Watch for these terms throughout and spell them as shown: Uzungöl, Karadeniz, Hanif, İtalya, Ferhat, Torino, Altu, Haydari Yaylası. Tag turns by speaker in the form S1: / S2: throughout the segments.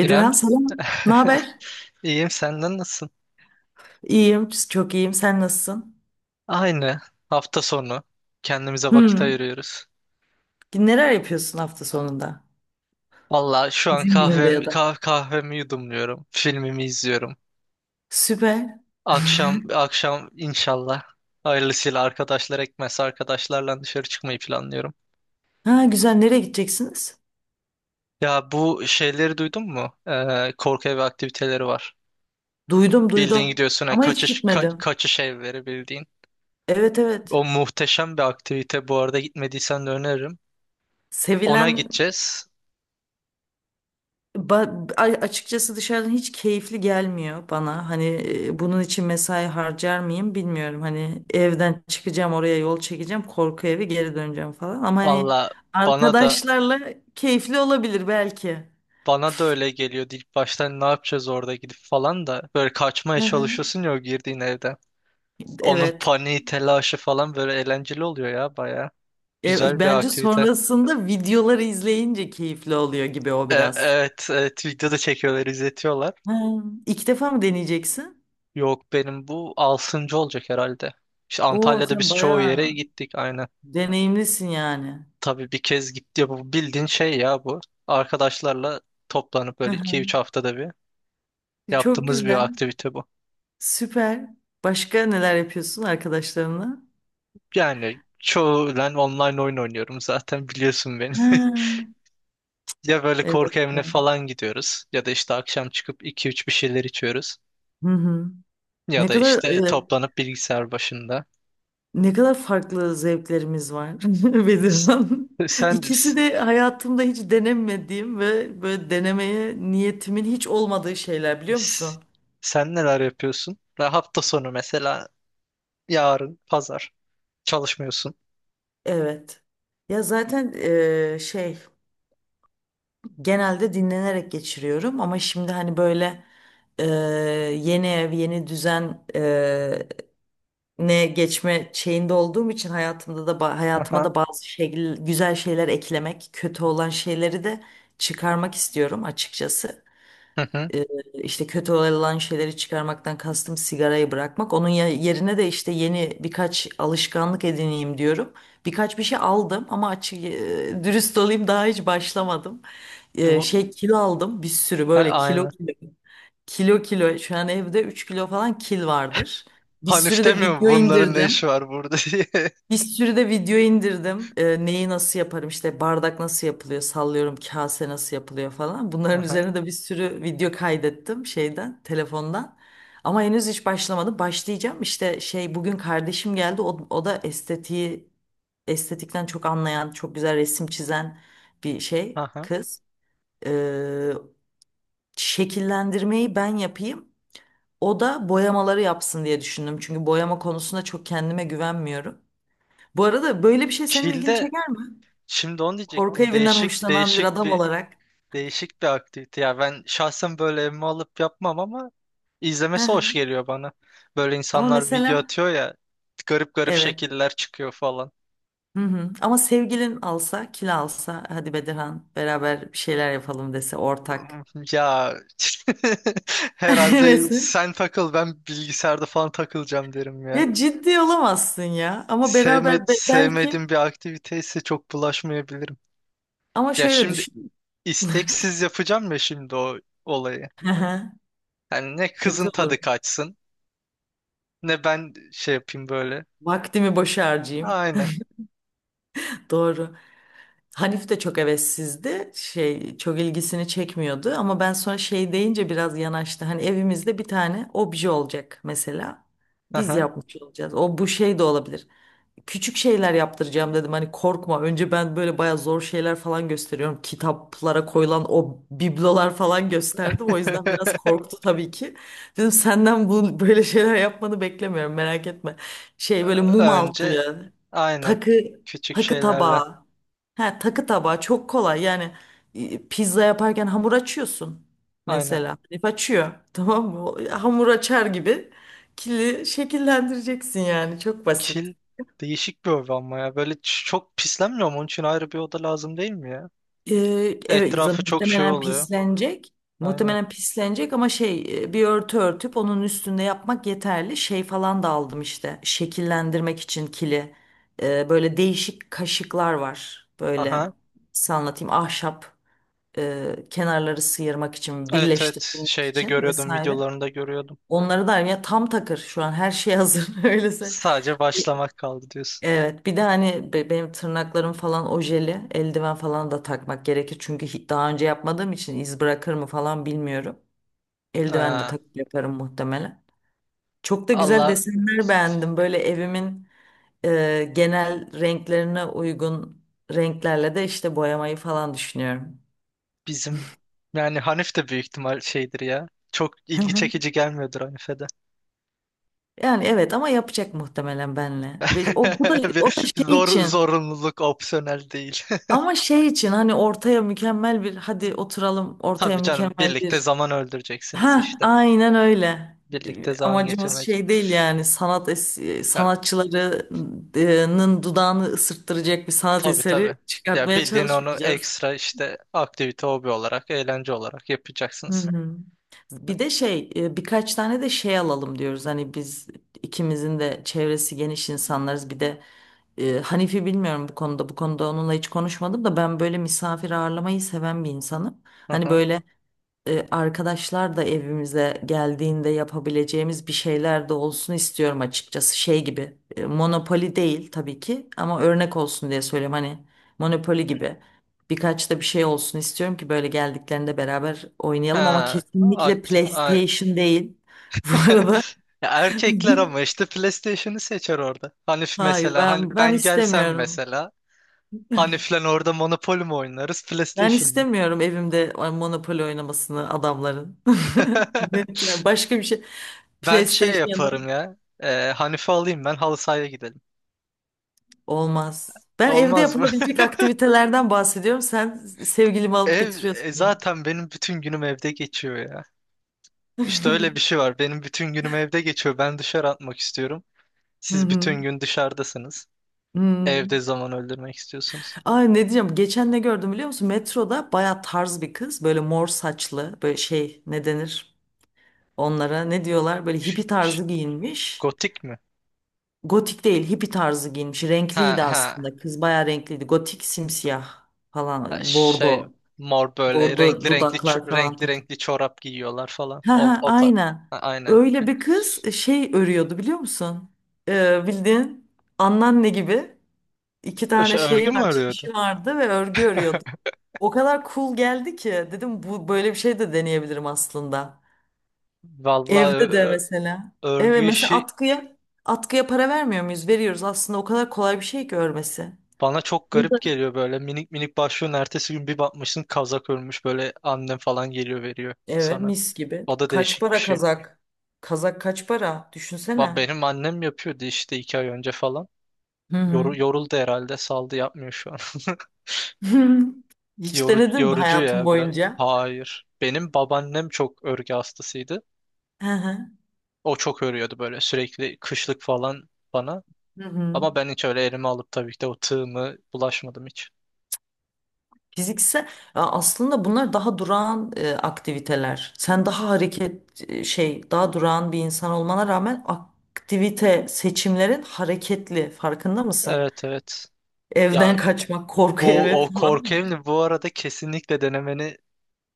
S1: İrem,
S2: selam. Ne haber?
S1: iyiyim, senden nasılsın?
S2: İyiyim, çok iyiyim. Sen nasılsın?
S1: Aynı, hafta sonu kendimize vakit
S2: Hmm.
S1: ayırıyoruz.
S2: Neler yapıyorsun hafta sonunda?
S1: Valla şu an
S2: İzin gününde
S1: kahvem,
S2: ya da.
S1: kah kahvemi yudumluyorum, filmimi izliyorum.
S2: Süper.
S1: Akşam akşam inşallah hayırlısıyla arkadaşlar ekmezse arkadaşlarla dışarı çıkmayı planlıyorum.
S2: Ha güzel. Nereye gideceksiniz?
S1: Ya bu şeyleri duydun mu? Korku evi aktiviteleri var.
S2: Duydum,
S1: Bildiğin
S2: duydum.
S1: gidiyorsun ha,
S2: Ama hiç
S1: kaçış ka
S2: gitmedim.
S1: kaçış evleri bildiğin.
S2: Evet, evet.
S1: O muhteşem bir aktivite, bu arada gitmediysen de öneririm. Ona
S2: Sevilen
S1: gideceğiz.
S2: açıkçası dışarıdan hiç keyifli gelmiyor bana. Hani bunun için mesai harcar mıyım bilmiyorum. Hani evden çıkacağım, oraya yol çekeceğim, korku evi geri döneceğim falan. Ama hani
S1: Valla bana da
S2: arkadaşlarla keyifli olabilir belki.
S1: bana da öyle geliyordu ilk baştan, ne yapacağız orada gidip falan da böyle kaçmaya
S2: Hı hı.
S1: çalışıyorsun ya o girdiğin evde. Onun
S2: Evet.
S1: paniği, telaşı falan böyle eğlenceli oluyor ya baya. Güzel bir
S2: Bence
S1: aktivite.
S2: sonrasında videoları izleyince keyifli oluyor gibi o biraz.
S1: Evet, video da çekiyorlar, izletiyorlar.
S2: Ha, ilk defa mı deneyeceksin?
S1: Yok, benim bu altıncı olacak herhalde. İşte
S2: Oo
S1: Antalya'da
S2: sen
S1: biz çoğu yere
S2: bayağı
S1: gittik, aynen.
S2: deneyimlisin yani.
S1: Tabii bir kez gitti, bu bildiğin şey ya bu. Arkadaşlarla toplanıp
S2: Hı
S1: böyle
S2: hı.
S1: 2-3 haftada bir
S2: Çok
S1: yaptığımız bir
S2: güzel.
S1: aktivite bu.
S2: Süper. Başka neler yapıyorsun arkadaşlarınla?
S1: Yani çoğulen online oyun oynuyorum, zaten biliyorsun beni.
S2: Ha,
S1: Ya böyle
S2: evet.
S1: korku evine falan gidiyoruz ya da işte akşam çıkıp iki üç bir şeyler içiyoruz
S2: Hı hı.
S1: ya
S2: Ne
S1: da
S2: kadar
S1: işte
S2: e,
S1: toplanıp bilgisayar başında.
S2: ne kadar farklı zevklerimiz var,
S1: S-
S2: Bedirhan.
S1: Sen s-
S2: İkisi de hayatımda hiç denemediğim ve böyle denemeye niyetimin hiç olmadığı şeyler, biliyor
S1: s-
S2: musun?
S1: sen neler yapıyorsun? Ve hafta sonu mesela yarın pazar çalışmıyorsun.
S2: Evet. Ya zaten şey, genelde dinlenerek geçiriyorum ama şimdi hani böyle eee, yeni ev yeni düzen, ne geçme şeyinde olduğum için hayatımda da hayatıma
S1: Aha.
S2: da bazı şekil, güzel şeyler eklemek, kötü olan şeyleri de çıkarmak istiyorum açıkçası.
S1: Hı hı.
S2: e, işte kötü olan şeyleri çıkarmaktan kastım sigarayı bırakmak. Onun yerine de işte yeni birkaç alışkanlık edineyim diyorum. Birkaç bir şey aldım ama dürüst olayım daha hiç başlamadım.
S1: Bu
S2: Şey, kilo aldım bir sürü,
S1: ha,
S2: böyle kilo
S1: aynı.
S2: kilo. Kilo kilo şu an evde 3 kilo falan kil vardır. Bir
S1: Hanif
S2: sürü de
S1: demiyor mu
S2: video
S1: bunların ne işi
S2: indirdim.
S1: var burada diye.
S2: Bir sürü de video indirdim. Neyi nasıl yaparım işte, bardak nasıl yapılıyor, sallıyorum, kase nasıl yapılıyor falan. Bunların
S1: Aha.
S2: üzerine de bir sürü video kaydettim şeyden, telefondan. Ama henüz hiç başlamadım. Başlayacağım işte şey, bugün kardeşim geldi. O da estetiği estetikten çok anlayan, çok güzel resim çizen bir şey
S1: Aha.
S2: kız. Ee, şekillendirmeyi ben yapayım. O da boyamaları yapsın diye düşündüm. Çünkü boyama konusunda çok kendime güvenmiyorum. Bu arada böyle bir şey senin ilgini
S1: Çil'de
S2: çeker mi?
S1: şimdi onu
S2: Korku
S1: diyecektim.
S2: evinden hoşlanan bir adam olarak.
S1: Değişik bir aktivite ya. Ben şahsen böyle evime alıp yapmam ama
S2: Hı
S1: izlemesi
S2: hı.
S1: hoş geliyor bana. Böyle
S2: Ama
S1: insanlar video
S2: mesela
S1: atıyor ya, garip garip
S2: evet.
S1: şekiller çıkıyor falan.
S2: Hı hı. Ama sevgilin alsa, kil alsa, hadi Bedirhan beraber bir şeyler yapalım dese ortak.
S1: Ya herhalde
S2: Hevesi.
S1: sen takıl, ben bilgisayarda falan takılacağım derim ya.
S2: Ya ciddi olamazsın ya. Ama
S1: Sevme,
S2: beraber belki
S1: sevmediğim bir aktivite ise çok bulaşmayabilirim.
S2: ama
S1: Ya
S2: şöyle
S1: şimdi
S2: düşün.
S1: isteksiz yapacağım ya şimdi o olayı.
S2: Hı hı.
S1: Yani ne
S2: Kötü
S1: kızın
S2: olur.
S1: tadı kaçsın, ne ben şey yapayım böyle.
S2: Vaktimi boşa harcayayım.
S1: Aynen.
S2: Doğru. Hanif de çok hevessizdi. Şey, çok ilgisini çekmiyordu ama ben sonra şey deyince biraz yanaştı. Hani evimizde bir tane obje olacak mesela. Biz
S1: Aha.
S2: yapmış olacağız. O bu şey de olabilir, küçük şeyler yaptıracağım dedim. Hani korkma. Önce ben böyle bayağı zor şeyler falan gösteriyorum. Kitaplara koyulan o biblolar falan gösterdim. O yüzden biraz korktu tabii ki. Dedim senden bu böyle şeyler yapmanı beklemiyorum. Merak etme. Şey, böyle mum
S1: Önce,
S2: altlığı,
S1: aynen,
S2: takı
S1: küçük
S2: takı
S1: şeylerle,
S2: tabağı. Ha, takı tabağı çok kolay. Yani pizza yaparken hamur açıyorsun
S1: aynen,
S2: mesela. Herif açıyor. Tamam mı? O hamur açar gibi kili şekillendireceksin yani. Çok basit.
S1: kil değişik bir oda ama ya böyle çok pislenmiyor mu? Onun için ayrı bir oda lazım, değil mi ya?
S2: Evet zaten
S1: Etrafı çok şey
S2: muhtemelen
S1: oluyor.
S2: pislenecek.
S1: Aynen.
S2: Muhtemelen pislenecek ama şey, bir örtü örtüp onun üstünde yapmak yeterli. Şey falan da aldım işte şekillendirmek için kili. Böyle değişik kaşıklar var. Böyle
S1: Aha.
S2: size anlatayım, ahşap, kenarları sıyırmak için,
S1: Evet, evet,
S2: birleştirmek
S1: şeyde
S2: için
S1: görüyordum
S2: vesaire.
S1: videolarında görüyordum.
S2: Onları da ya, tam takır şu an her şey hazır, öylese.
S1: Sadece başlamak kaldı diyorsun.
S2: Evet, bir de hani benim tırnaklarım falan ojeli, eldiven falan da takmak gerekir. Çünkü daha önce yapmadığım için iz bırakır mı falan bilmiyorum. Eldiven de
S1: Ha.
S2: takıp yaparım muhtemelen. Çok da güzel
S1: Allah,
S2: desenler beğendim. Böyle evimin genel renklerine uygun renklerle de işte boyamayı falan düşünüyorum.
S1: bizim yani Hanif de büyük ihtimal şeydir ya. Çok
S2: Hı
S1: ilgi
S2: hı.
S1: çekici gelmiyordur Hanif'e de.
S2: Yani evet, ama yapacak muhtemelen benle. Ve o bu da o da
S1: Bir
S2: şey
S1: zor
S2: için
S1: zorunluluk opsiyonel değil.
S2: ama şey için hani ortaya mükemmel bir, hadi oturalım ortaya
S1: Tabii canım,
S2: mükemmel
S1: birlikte
S2: bir.
S1: zaman öldüreceksiniz
S2: Ha,
S1: işte.
S2: aynen öyle.
S1: Birlikte
S2: E,
S1: zaman
S2: amacımız
S1: geçirmece.
S2: şey değil yani,
S1: Ya,
S2: sanatçılarının dudağını ısırttıracak bir sanat
S1: tabii
S2: eseri
S1: tabii. Ya
S2: çıkartmaya
S1: bildiğin onu
S2: çalışmayacağız.
S1: ekstra işte aktivite, hobi olarak, eğlence olarak
S2: Hı
S1: yapacaksınız.
S2: hı. Bir de şey, birkaç tane de şey alalım diyoruz. Hani biz ikimizin de çevresi geniş insanlarız. Bir de Hanifi bilmiyorum bu konuda. Bu konuda onunla hiç konuşmadım da ben böyle misafir ağırlamayı seven bir insanım.
S1: Hı
S2: Hani
S1: hı.
S2: böyle arkadaşlar da evimize geldiğinde yapabileceğimiz bir şeyler de olsun istiyorum açıkçası. Şey gibi, Monopoly değil tabii ki ama örnek olsun diye söylüyorum, hani Monopoly gibi birkaç da bir şey olsun istiyorum ki böyle geldiklerinde beraber oynayalım, ama
S1: Ha,
S2: kesinlikle PlayStation değil. Bu arada
S1: ya erkekler ama işte PlayStation'ı seçer orada. Hanif
S2: hayır,
S1: mesela, hani
S2: ben
S1: ben gelsem
S2: istemiyorum.
S1: mesela Hanif'le orada Monopoly mi oynarız,
S2: Ben
S1: PlayStation mı?
S2: istemiyorum evimde Monopoly oynamasını adamların. Net yani, başka bir şey.
S1: Ben şey
S2: PlayStation ya da
S1: yaparım ya. Hanif'i alayım, ben halı sahaya gidelim.
S2: olmaz. Ben evde
S1: Olmaz mı?
S2: yapılabilecek aktivitelerden bahsediyorum. Sen sevgilimi alıp
S1: Ev
S2: götürüyorsun ya.
S1: zaten benim bütün günüm evde geçiyor ya. İşte öyle bir şey var. Benim bütün günüm evde geçiyor. Ben dışarı atmak istiyorum.
S2: Hı
S1: Siz
S2: hı.
S1: bütün gün dışarıdasınız.
S2: Hı.
S1: Evde zaman öldürmek istiyorsunuz.
S2: Ay, ne diyeceğim? Geçen ne gördüm biliyor musun? Metroda baya tarz bir kız. Böyle mor saçlı. Böyle şey, ne denir? Onlara ne diyorlar? Böyle
S1: Ş-
S2: hippie
S1: ş-
S2: tarzı giyinmiş.
S1: Gotik mi?
S2: Gotik değil, hippie tarzı giyinmiş.
S1: Ha
S2: Renkliydi
S1: ha.
S2: aslında. Kız baya renkliydi. Gotik simsiyah
S1: Ha,
S2: falan. Bordo.
S1: Mor, böyle
S2: Bordo
S1: renkli renkli
S2: dudaklar falan.
S1: renkli renkli çorap giyiyorlar falan.
S2: Ha ha, aynen.
S1: Ha, aynen.
S2: Öyle bir kız şey örüyordu biliyor musun? Bildiğin anneanne gibi, iki tane şeyi
S1: Örgü mü
S2: var,
S1: örüyordu?
S2: çişi vardı ve örgü örüyordu. O kadar cool geldi ki dedim, bu böyle bir şey de deneyebilirim aslında.
S1: Vallahi
S2: Evde de
S1: ö-
S2: mesela. Evet
S1: örgü
S2: mesela,
S1: işi
S2: atkıya para vermiyor muyuz? Veriyoruz aslında, o kadar kolay bir şey ki örmesi.
S1: bana çok
S2: Bu
S1: garip
S2: da.
S1: geliyor böyle. Minik minik başlıyorsun, ertesi gün bir bakmışsın kazak örmüş böyle, annem falan geliyor veriyor
S2: Evet,
S1: sana.
S2: mis gibi.
S1: O da
S2: Kaç
S1: değişik bir
S2: para
S1: şey.
S2: kazak? Kazak kaç para? Düşünsene.
S1: Benim annem yapıyordu işte iki ay önce falan.
S2: Hı hı.
S1: Yoruldu herhalde, saldı, yapmıyor şu an.
S2: Hiç
S1: Yorucu,
S2: denedin mi
S1: yorucu
S2: hayatın
S1: ya biraz.
S2: boyunca?
S1: Hayır. Benim babaannem çok örgü hastasıydı.
S2: Hı hı.
S1: O çok örüyordu böyle, sürekli kışlık falan bana.
S2: Hı hı.
S1: Ama ben hiç öyle elime alıp tabii ki de o tığımı bulaşmadım hiç.
S2: Fiziksel. Ya aslında bunlar daha durağan aktiviteler. Sen daha şey, daha durağan bir insan olmana rağmen aktivite seçimlerin hareketli, farkında mısın?
S1: Evet, evet.
S2: Evden
S1: Ya
S2: kaçmak, korku evi
S1: bu, o korku
S2: falan.
S1: evini bu arada kesinlikle denemeni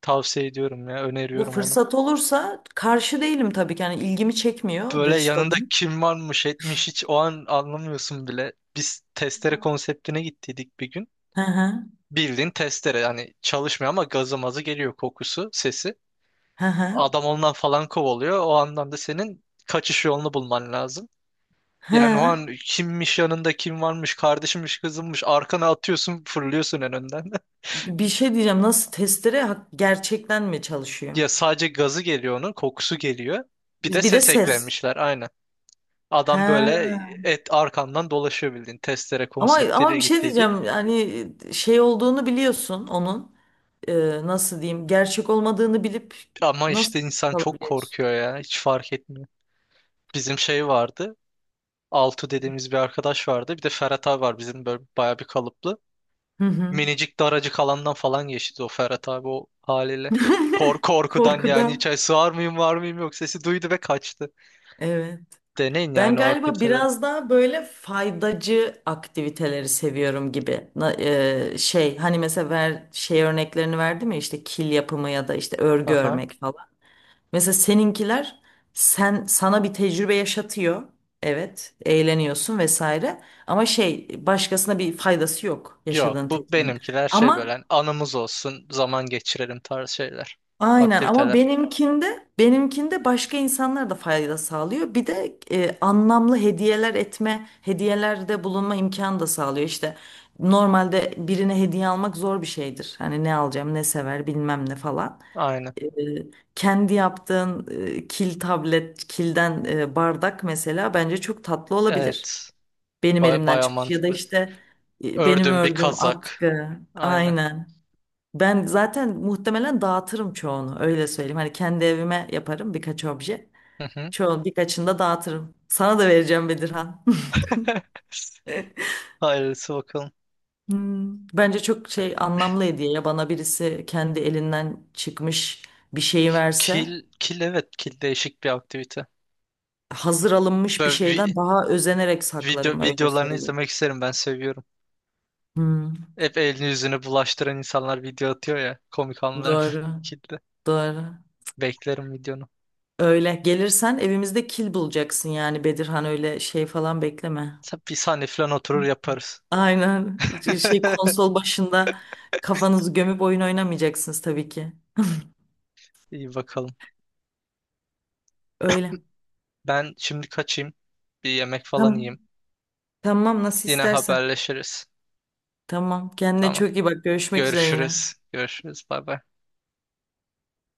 S1: tavsiye ediyorum ya.
S2: Bu
S1: Öneriyorum onu.
S2: fırsat olursa karşı değilim tabii ki. Yani ilgimi çekmiyor,
S1: Böyle
S2: dürüst
S1: yanında
S2: olayım.
S1: kim varmış etmiş hiç o an anlamıyorsun bile. Biz testere konseptine gittiydik bir gün.
S2: Hı hı.
S1: Bildiğin testere, yani çalışmıyor ama gazı mazı geliyor, kokusu, sesi.
S2: Hı hı.
S1: Adam ondan falan kovalıyor. O andan da senin kaçış yolunu bulman lazım. Yani o
S2: Hı.
S1: an kimmiş yanında, kim varmış, kardeşimmiş, kızımmış, arkana atıyorsun, fırlıyorsun en önden.
S2: Bir şey diyeceğim. Nasıl testere gerçekten mi çalışıyor?
S1: Ya sadece gazı geliyor, onun kokusu geliyor. Bir de
S2: Biz bir de
S1: ses
S2: ses.
S1: eklemişler, aynen. Adam böyle
S2: He.
S1: et arkandan dolaşıyor, bildiğin testere
S2: Ama ama
S1: konseptiyle
S2: bir şey
S1: gittiydik.
S2: diyeceğim. Yani, şey olduğunu biliyorsun onun. Nasıl diyeyim? Gerçek olmadığını bilip
S1: Ama
S2: nasıl
S1: işte insan çok
S2: kalabiliyorsun?
S1: korkuyor ya, hiç fark etmiyor. Bizim şey vardı, Altu dediğimiz bir arkadaş vardı, bir de Ferhat abi var bizim böyle bayağı bir kalıplı.
S2: Hı hı.
S1: Minicik, daracık alandan falan geçti o Ferhat abi o haliyle. Korkudan yani,
S2: Korkudan.
S1: içeri sığar mıyım var mıyım yok, sesi duydu ve kaçtı.
S2: Evet.
S1: Deneyin
S2: Ben
S1: yani o
S2: galiba
S1: aktiviteleri.
S2: biraz daha böyle faydacı aktiviteleri seviyorum gibi. Şey hani mesela şey örneklerini verdim ya, işte kil yapımı ya da işte örgü
S1: Aha.
S2: örmek. Mesela seninkiler, sana bir tecrübe yaşatıyor. Evet, eğleniyorsun vesaire. Ama şey, başkasına bir faydası yok
S1: Yok,
S2: yaşadığın
S1: bu
S2: tecrübenin.
S1: benimkiler şey, böyle
S2: Ama
S1: hani anımız olsun, zaman geçirelim tarz şeyler.
S2: aynen, ama
S1: Aktiviteler.
S2: benimkinde benimkinde başka insanlar da fayda sağlıyor. Bir de anlamlı hediyeler etme, hediyelerde bulunma imkanı da sağlıyor. İşte normalde birine hediye almak zor bir şeydir. Hani ne alacağım, ne sever, bilmem ne falan.
S1: Aynen.
S2: e, Kendi yaptığın kil tablet, kilden bardak mesela bence çok tatlı olabilir.
S1: Evet.
S2: Benim
S1: Ba
S2: elimden
S1: baya
S2: çıkmış ya da
S1: mantıklı.
S2: işte benim
S1: Ördüm bir
S2: ördüğüm
S1: kazak.
S2: atkı.
S1: Aynen.
S2: Aynen. Ben zaten muhtemelen dağıtırım çoğunu, öyle söyleyeyim. Hani kendi evime yaparım birkaç obje.
S1: Hı hı.
S2: Çoğu, birkaçını da dağıtırım. Sana da vereceğim Bedirhan.
S1: Hayırlısı bakalım.
S2: Hmm, bence çok şey, anlamlı hediye ya, bana birisi kendi elinden çıkmış bir şeyi verse,
S1: Kil, evet, kil değişik bir aktivite.
S2: hazır alınmış bir
S1: Böyle
S2: şeyden daha özenerek saklarım, öyle
S1: videolarını
S2: söyleyeyim.
S1: izlemek isterim, ben seviyorum.
S2: Hmm,
S1: Hep elini yüzünü bulaştıran insanlar video atıyor ya. Komik anlarım
S2: doğru,
S1: kilitli.
S2: doğru.
S1: Beklerim videonu.
S2: Öyle gelirsen evimizde kil bulacaksın yani Bedirhan, öyle şey falan bekleme.
S1: Tabii, bir saniye falan oturur yaparız.
S2: Aynen, şey konsol başında kafanızı gömüp oyun oynamayacaksınız tabii ki.
S1: İyi bakalım.
S2: Öyle.
S1: Ben şimdi kaçayım. Bir yemek falan
S2: Tamam,
S1: yiyeyim.
S2: tamam nasıl
S1: Yine
S2: istersen.
S1: haberleşiriz.
S2: Tamam, kendine
S1: Tamam.
S2: çok iyi bak, görüşmek üzere yine.
S1: Görüşürüz. Görüşürüz. Bay bay.